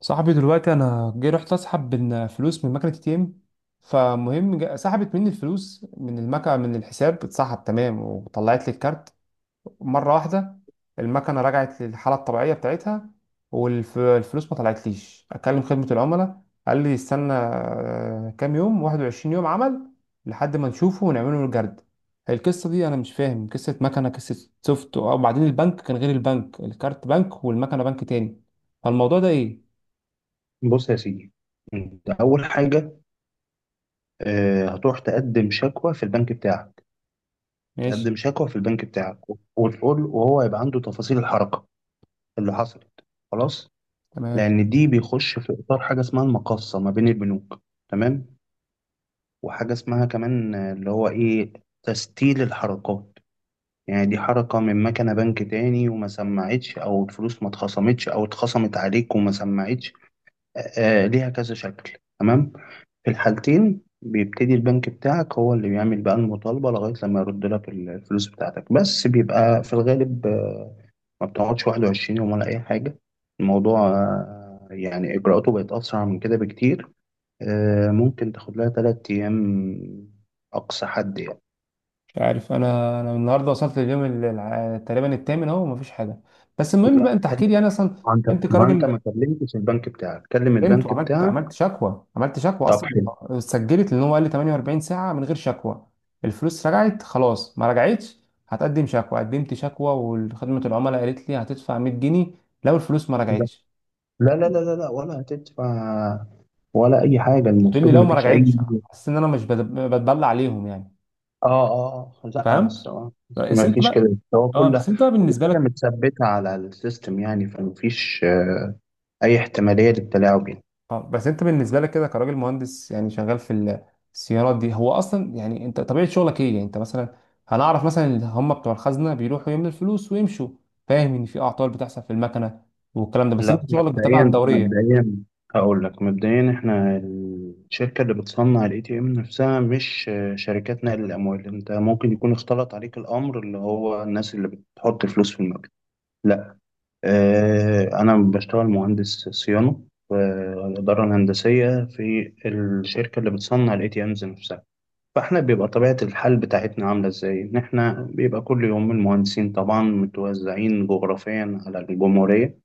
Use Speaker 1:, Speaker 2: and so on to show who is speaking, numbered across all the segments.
Speaker 1: صاحبي دلوقتي انا جاي رحت اسحب من فلوس من مكنه اي ام. فمهم سحبت مني الفلوس من المكنه، من الحساب اتسحب تمام وطلعت لي الكارت مره واحده. المكنه رجعت للحاله الطبيعيه بتاعتها والفلوس ما طلعتليش. اكلم خدمه العملاء قال لي استنى كام يوم، 21 يوم عمل لحد ما نشوفه ونعمله له الجرد. القصه دي انا مش فاهم، قصه مكنه، قصه سوفت، وبعدين البنك كان غير، البنك الكارت بنك والمكنه بنك تاني. فالموضوع ده ايه؟
Speaker 2: بص يا سيدي، انت اول حاجه، هتروح تقدم شكوى في البنك بتاعك.
Speaker 1: ماشي.
Speaker 2: تقدم شكوى في البنك بتاعك، وتقول وهو يبقى عنده تفاصيل الحركه اللي حصلت. خلاص.
Speaker 1: تمام.
Speaker 2: لان دي بيخش في اطار حاجه اسمها المقاصه ما بين البنوك. تمام. وحاجه اسمها كمان، اللي هو ايه، تسجيل الحركات. يعني دي حركه من مكنه بنك تاني وما سمعتش، او الفلوس ما اتخصمتش او اتخصمت عليك وما سمعتش. ليها كذا شكل. تمام. في الحالتين بيبتدي البنك بتاعك هو اللي بيعمل بقى المطالبة، لغاية لما يرد لك الفلوس بتاعتك، بس بيبقى في الغالب ما بتقعدش 21 يوم ولا أي حاجة. الموضوع يعني إجراءاته بقت أسرع من كده بكتير. ممكن تاخد لها 3 أيام، أقصى حد يعني.
Speaker 1: مش عارف. انا النهارده وصلت لليوم تقريبا الثامن اهو، مفيش حاجه. بس المهم بقى
Speaker 2: لا،
Speaker 1: انت
Speaker 2: كلم.
Speaker 1: احكي لي انا اصلا
Speaker 2: ما أنت
Speaker 1: انت
Speaker 2: ما أنت
Speaker 1: كراجل.
Speaker 2: ما كلمتش البنك بتاعك، كلم
Speaker 1: قمت
Speaker 2: البنك
Speaker 1: وعملت،
Speaker 2: بتاعك.
Speaker 1: عملت شكوى
Speaker 2: طب
Speaker 1: اصلا،
Speaker 2: حلو.
Speaker 1: سجلت. لان هو قال لي 48 ساعه من غير شكوى الفلوس رجعت، خلاص ما رجعتش. هتقدم شكوى، قدمت شكوى، وخدمه العملاء قالت لي هتدفع 100 جنيه لو الفلوس ما
Speaker 2: لا،
Speaker 1: رجعتش.
Speaker 2: لا، لا، لا، لا، ولا هتدفع ولا أي حاجة،
Speaker 1: قلت لي
Speaker 2: المفروض
Speaker 1: لو
Speaker 2: ما
Speaker 1: ما
Speaker 2: فيش أي.
Speaker 1: رجعتش. حاسس ان انا مش بد- بتبلع عليهم يعني.
Speaker 2: اه، اه، آه. لا،
Speaker 1: فهمت.
Speaker 2: بس هو
Speaker 1: بس
Speaker 2: ما
Speaker 1: انت
Speaker 2: فيش
Speaker 1: بقى.
Speaker 2: كده، هو
Speaker 1: اه
Speaker 2: كل
Speaker 1: بس انت بقى
Speaker 2: كل
Speaker 1: بالنسبه
Speaker 2: حاجه
Speaker 1: لك.
Speaker 2: متثبته على السيستم، يعني فما فيش اي احتماليه للتلاعب يعني.
Speaker 1: اه بس انت بالنسبه لك كده كراجل مهندس يعني شغال في السيارات دي هو اصلا، يعني انت طبيعه شغلك ايه؟ يعني انت مثلا هنعرف مثلا ان هم بتوع الخزنه بيروحوا يملوا الفلوس ويمشوا، فاهم ان في اعطال بتحصل في المكنه والكلام ده، بس
Speaker 2: لا،
Speaker 1: انت شغلك بتابع
Speaker 2: مبدئيا
Speaker 1: الدوريه.
Speaker 2: مبدئيا هقول لك، مبدئيا احنا الشركه اللي بتصنع الاي تي ام نفسها، مش شركات نقل الاموال. انت ممكن يكون اختلط عليك الامر، اللي هو الناس اللي بتحط فلوس في المكتب. لا، انا بشتغل مهندس صيانه في الاداره الهندسيه في الشركه اللي بتصنع الاي تي امز نفسها. فاحنا بيبقى طبيعة الحال بتاعتنا عاملة ازاي؟ ان احنا بيبقى كل يوم المهندسين طبعا متوزعين جغرافيا على الجمهورية.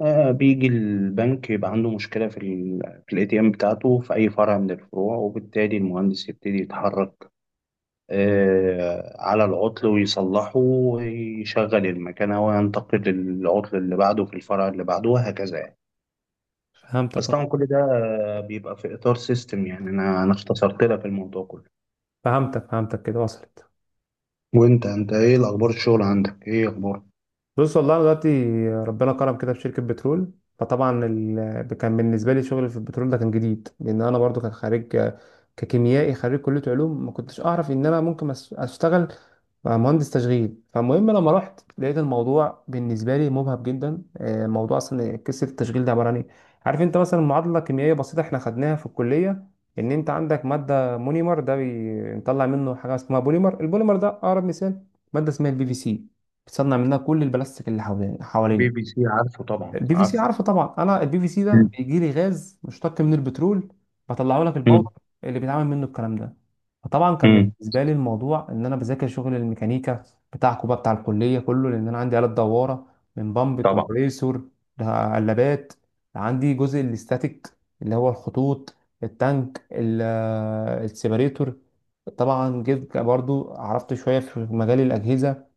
Speaker 2: بيجي البنك يبقى عنده مشكلة في الاي تي ام بتاعته في اي فرع من الفروع، وبالتالي المهندس يبتدي يتحرك على العطل ويصلحه ويشغل المكنة، وينتقل للعطل اللي بعده في الفرع اللي بعده، وهكذا يعني. بس
Speaker 1: فهمتك
Speaker 2: طبعا
Speaker 1: اه.
Speaker 2: كل ده بيبقى في اطار سيستم يعني، انا اختصرت لك الموضوع كله.
Speaker 1: فهمتك، كده وصلت.
Speaker 2: وانت ايه الاخبار؟ الشغل عندك ايه اخبار؟
Speaker 1: بص والله انا دلوقتي ربنا كرم كده في شركه بترول. فطبعا ال... كان بالنسبه لي شغل في البترول ده كان جديد، لان انا برضو كان خارج ككيميائي خريج كليه علوم. ما كنتش اعرف ان انا ممكن اشتغل بقى مهندس تشغيل. فالمهم لما رحت لقيت الموضوع بالنسبه لي مبهج جدا. الموضوع اصلا قصه التشغيل ده عباره عن ايه؟ عارف انت مثلا معادله كيميائيه بسيطه احنا خدناها في الكليه، ان انت عندك ماده مونيمر ده بنطلع منه حاجه اسمها بوليمر. البوليمر ده اقرب مثال ماده اسمها البي في سي، بتصنع منها كل البلاستيك اللي
Speaker 2: بي
Speaker 1: حوالينا.
Speaker 2: بي سي، عارفه؟ طبعا
Speaker 1: البي في سي
Speaker 2: عارفه.
Speaker 1: عارفه طبعا. انا البي في سي ده
Speaker 2: مم.
Speaker 1: بيجي لي غاز مشتق من البترول، بطلعه لك
Speaker 2: مم.
Speaker 1: البودر اللي بيتعمل منه الكلام ده. فطبعا كان
Speaker 2: مم.
Speaker 1: بالنسبه لي الموضوع ان انا بذاكر شغل الميكانيكا بتاعكم بقى، بتاع الكليه كله، لان انا عندي آلة دواره من بامب،
Speaker 2: طبعا.
Speaker 1: كومبريسور، لقلابات. عندي جزء الاستاتيك اللي هو الخطوط، التانك السيبريتور. طبعا جيت برضو عرفت شويه في مجال الاجهزه،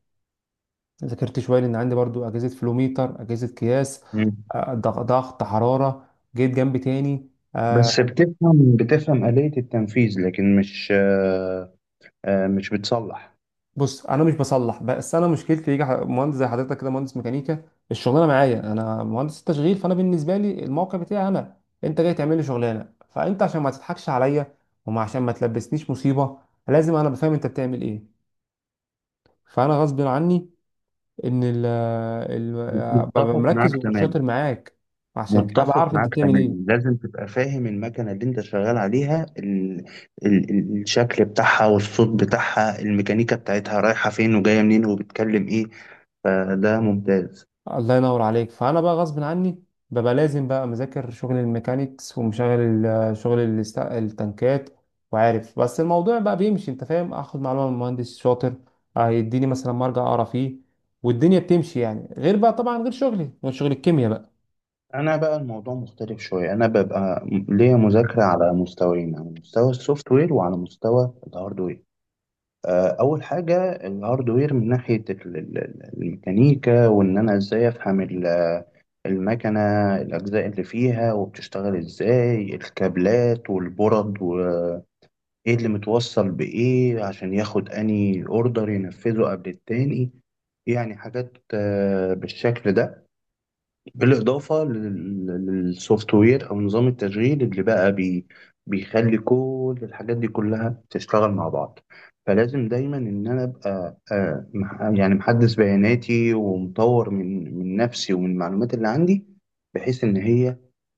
Speaker 1: ذاكرت شويه لان عندي برضو اجهزه فلوميتر، اجهزه قياس،
Speaker 2: مم.
Speaker 1: ضغط، حراره. جيت جنب تاني.
Speaker 2: بس بتفهم بتفهم آلية التنفيذ، لكن مش آه، آه، مش بتصلح.
Speaker 1: بص انا مش بصلح، بس انا مشكلتي يجي مهندس زي حضرتك كده مهندس ميكانيكا، الشغلانه معايا انا مهندس تشغيل، فانا بالنسبه لي الموقع بتاعي انا، انت جاي تعمل لي شغلانه، فانت عشان ما تضحكش عليا وما عشان ما تلبسنيش مصيبه لازم انا بفهم انت بتعمل ايه. فانا غصب عني ان ببقى
Speaker 2: متفق
Speaker 1: مركز
Speaker 2: معاك تماما.
Speaker 1: وشاطر معاك عشان ابقى
Speaker 2: متفق
Speaker 1: عارف انت
Speaker 2: معاك
Speaker 1: بتعمل
Speaker 2: تماما.
Speaker 1: ايه.
Speaker 2: لازم تبقى فاهم المكنة اللي انت شغال عليها، الشكل بتاعها والصوت بتاعها، الميكانيكا بتاعتها رايحة فين وجاية منين وبتكلم ايه. فده ممتاز.
Speaker 1: الله ينور عليك. فانا بقى غصب عني ببقى لازم بقى مذاكر شغل الميكانيكس ومشغل شغل التنكات وعارف. بس الموضوع بقى بيمشي، انت فاهم، اخد معلومه من مهندس شاطر هيديني مثلا مرجع اقرا فيه والدنيا بتمشي يعني، غير بقى طبعا غير شغلي غير شغل الكيمياء بقى.
Speaker 2: انا بقى الموضوع مختلف شويه، انا ببقى ليا مذاكره على مستويين، على مستوى السوفت وير وعلى مستوى الهاردوير. اول حاجه الهاردوير، من ناحيه الميكانيكا، وان انا ازاي افهم المكنه، الاجزاء اللي فيها وبتشتغل ازاي، الكابلات والبرد وايه اللي متوصل بايه عشان ياخد اني اوردر ينفذه قبل التاني. يعني حاجات بالشكل ده، بالإضافة للسوفت وير أو نظام التشغيل اللي بقى بيخلي كل الحاجات دي كلها تشتغل مع بعض. فلازم دايما إن أنا أبقى يعني محدث بياناتي، ومطور من نفسي ومن المعلومات اللي عندي، بحيث إن هي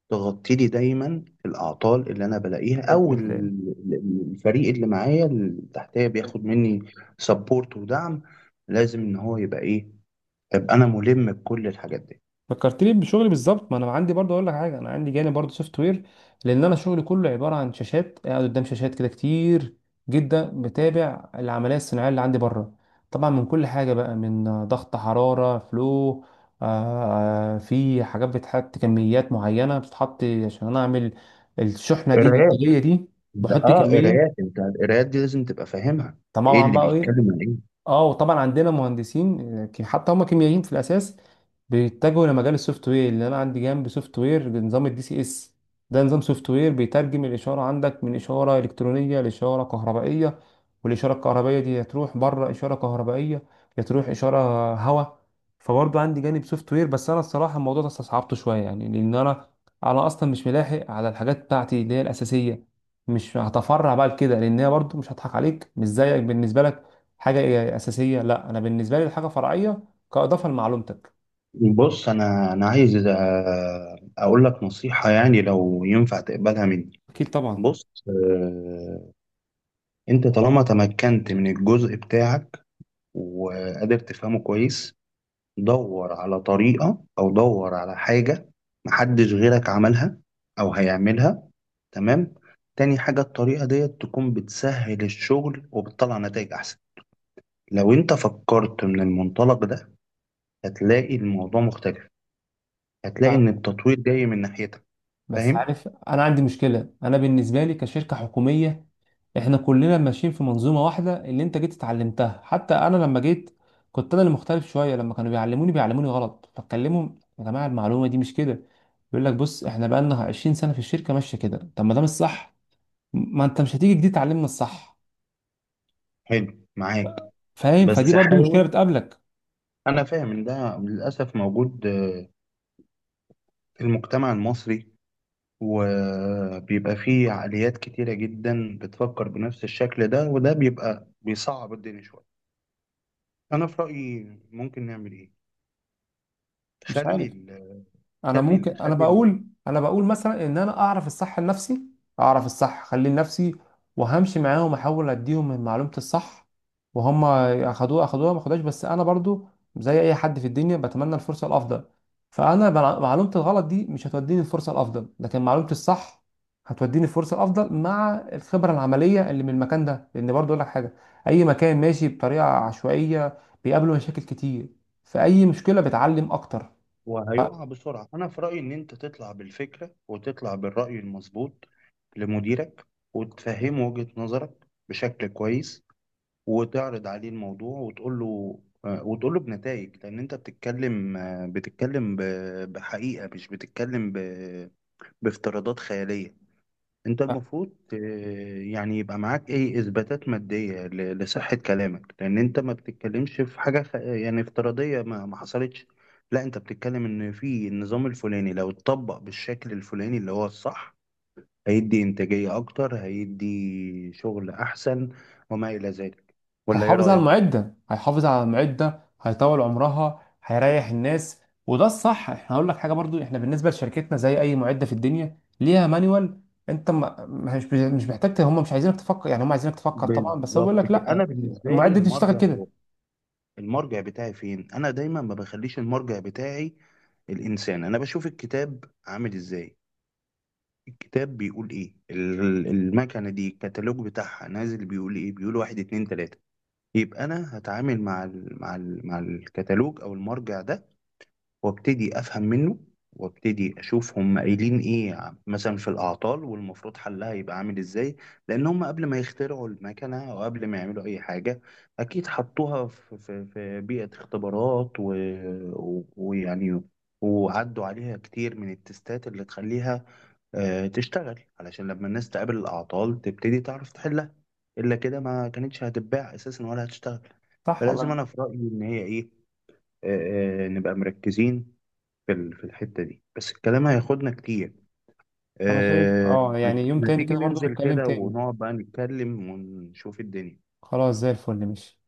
Speaker 2: تغطي لي دايما الأعطال اللي أنا بلاقيها،
Speaker 1: انت
Speaker 2: أو
Speaker 1: بتلاقي
Speaker 2: الفريق اللي معايا اللي تحتيا بياخد مني سبورت ودعم. لازم إن هو يبقى إيه؟ أبقى أنا ملم بكل الحاجات
Speaker 1: فكرتني بشغلي بالظبط. ما انا عندي برضه، اقول لك حاجه، انا عندي جانب برضه سوفت وير، لان انا شغلي كله عباره عن شاشات، قاعد قدام شاشات كده كتير جدا بتابع العمليه الصناعيه اللي عندي بره. طبعا من كل حاجه بقى، من ضغط، حراره، فلو، آه، في حاجات بتحط، كميات معينه بتتحط عشان انا اعمل الشحنه دي،
Speaker 2: دي.
Speaker 1: الانتاجيه دي،
Speaker 2: انت
Speaker 1: بحط
Speaker 2: قرايات،
Speaker 1: كميه.
Speaker 2: انت القرايات دي لازم تبقى فاهمها، ايه
Speaker 1: طبعا
Speaker 2: اللي
Speaker 1: بقى ايه،
Speaker 2: بيتكلم عن ايه.
Speaker 1: اه، وطبعا عندنا مهندسين حتى هم كيميائيين في الاساس بيتجهوا لمجال السوفت وير. اللي انا عندي جنب سوفت وير بنظام الدي سي اس، ده نظام سوفت وير بيترجم الاشاره عندك من اشاره الكترونيه لاشاره كهربائيه، والاشاره الكهربائيه دي يا تروح بره اشاره كهربائيه يا تروح اشاره هواء. فبرضه عندي جانب سوفت وير، بس انا الصراحه الموضوع ده استصعبته شويه يعني، لان انا، انا اصلا مش ملاحق على الحاجات بتاعتي اللي هي الاساسيه، مش هتفرع بقى لكده، لان هي برضه، مش هضحك عليك، مش زيك بالنسبه لك حاجه اساسيه، لا انا بالنسبه لي الحاجه فرعيه كاضافه لمعلومتك.
Speaker 2: بص، انا عايز اقول لك نصيحة، يعني لو ينفع تقبلها مني.
Speaker 1: اكيد طبعا.
Speaker 2: بص، انت طالما تمكنت من الجزء بتاعك وقادر تفهمه كويس، دور على طريقة، او دور على حاجة محدش غيرك عملها او هيعملها. تمام. تاني حاجة، الطريقة ديت تكون بتسهل الشغل وبتطلع نتائج احسن. لو انت فكرت من المنطلق ده، هتلاقي الموضوع مختلف، هتلاقي ان
Speaker 1: ف-
Speaker 2: التطوير جاي من ناحيتك.
Speaker 1: بس
Speaker 2: فاهم؟
Speaker 1: عارف انا عندي مشكله، انا بالنسبه لي كشركه حكوميه احنا كلنا ماشيين في منظومه واحده اللي انت جيت اتعلمتها. حتى انا لما جيت كنت انا اللي مختلف شويه، لما كانوا بيعلموني بيعلموني غلط فاتكلمهم يا جماعه المعلومه دي مش كده، يقول لك بص احنا بقالنا 20 سنه في الشركه ماشيه كده. طب ما ده مش صح، ما انت مش هتيجي جديد تعلمنا الصح.
Speaker 2: حلو معاك.
Speaker 1: فاهم؟ فدي
Speaker 2: بس
Speaker 1: برضو مشكله
Speaker 2: حاول.
Speaker 1: بتقابلك.
Speaker 2: انا فاهم ان ده للاسف موجود في المجتمع المصري، وبيبقى فيه عقليات كتيرة جدا بتفكر بنفس الشكل ده، وده بيبقى بيصعب الدنيا شوية. انا في رأيي، ممكن نعمل ايه؟
Speaker 1: مش
Speaker 2: خلي
Speaker 1: عارف،
Speaker 2: ال-
Speaker 1: انا
Speaker 2: خلي
Speaker 1: ممكن،
Speaker 2: ال- خلي ال-
Speaker 1: انا بقول مثلا ان انا اعرف الصح لنفسي، اعرف الصح خليه لنفسي، وهمشي معاهم احاول اديهم من معلومة الصح، وهم اخدوها اخدوها ما اخدوهاش. بس انا برضو زي اي حد في الدنيا بتمنى الفرصة الافضل. فانا معلومة الغلط دي مش هتوديني الفرصة الافضل، لكن معلومة الصح هتوديني الفرصة الافضل مع الخبرة العملية اللي من المكان ده. لان برضو اقول لك حاجة، اي مكان ماشي بطريقة عشوائية بيقابله مشاكل كتير، فاي مشكلة بتعلم اكتر.
Speaker 2: وهيقع بسرعة. أنا في رأيي إن أنت تطلع بالفكرة وتطلع بالرأي المظبوط لمديرك، وتفهمه وجهة نظرك بشكل كويس، وتعرض عليه الموضوع، وتقول له بنتائج. لان انت بتتكلم بحقيقة، مش بتتكلم بافتراضات خيالية. انت المفروض يعني يبقى معاك ايه، اثباتات مادية لصحة كلامك، لان انت ما بتتكلمش في حاجة يعني افتراضية ما حصلتش. لا، انت بتتكلم ان في النظام الفلاني لو اتطبق بالشكل الفلاني اللي هو الصح، هيدي إنتاجية أكتر، هيدي شغل أحسن، وما إلى ذلك. ولا إيه رأيك؟
Speaker 1: هيحافظ على المعدة، هيطول عمرها، هيريح الناس، وده الصح. احنا هقول لك حاجة برضو، احنا بالنسبة لشركتنا زي اي معدة في الدنيا ليها مانيوال. انت مش محتاج هم مش عايزينك تفكر، يعني هم عايزينك تفكر طبعا، بس هو بيقول
Speaker 2: بالظبط
Speaker 1: لك
Speaker 2: كده. أنا
Speaker 1: لا
Speaker 2: بالنسبة لي
Speaker 1: المعدة دي تشتغل
Speaker 2: المرجع
Speaker 1: كده،
Speaker 2: هو المرجع بتاعي فين؟ أنا دايما ما بخليش المرجع بتاعي الإنسان، أنا بشوف الكتاب عامل إزاي، الكتاب بيقول إيه، المكنة دي الكتالوج بتاعها نازل بيقول إيه، بيقول واحد اتنين تلاتة. يبقى أنا هتعامل مع الكتالوج أو المرجع ده، وابتدي افهم منه، وابتدي اشوف هم قايلين ايه مثلا في الاعطال، والمفروض حلها يبقى عامل ازاي. لان هم قبل ما يخترعوا المكنه او قبل ما يعملوا اي حاجه، اكيد حطوها في بيئه اختبارات، ويعني وعدوا عليها كتير من التستات اللي تخليها تشتغل، علشان لما الناس تقابل الاعطال تبتدي تعرف تحلها. الا كده ما كانتش هتتباع اساسا ولا هتشتغل.
Speaker 1: صح ولا
Speaker 2: فلازم
Speaker 1: انا؟
Speaker 2: انا في رايي ان هي ايه، نبقى مركزين في الحتة دي، بس الكلام هياخدنا كتير.
Speaker 1: أنا شايف
Speaker 2: أه
Speaker 1: اه،
Speaker 2: ما
Speaker 1: يعني يوم
Speaker 2: ما
Speaker 1: تاني
Speaker 2: تيجي
Speaker 1: كده برضو
Speaker 2: ننزل
Speaker 1: نتكلم
Speaker 2: كده
Speaker 1: تاني.
Speaker 2: ونقعد بقى نتكلم ونشوف الدنيا.
Speaker 1: خلاص زي الفل، ماشي.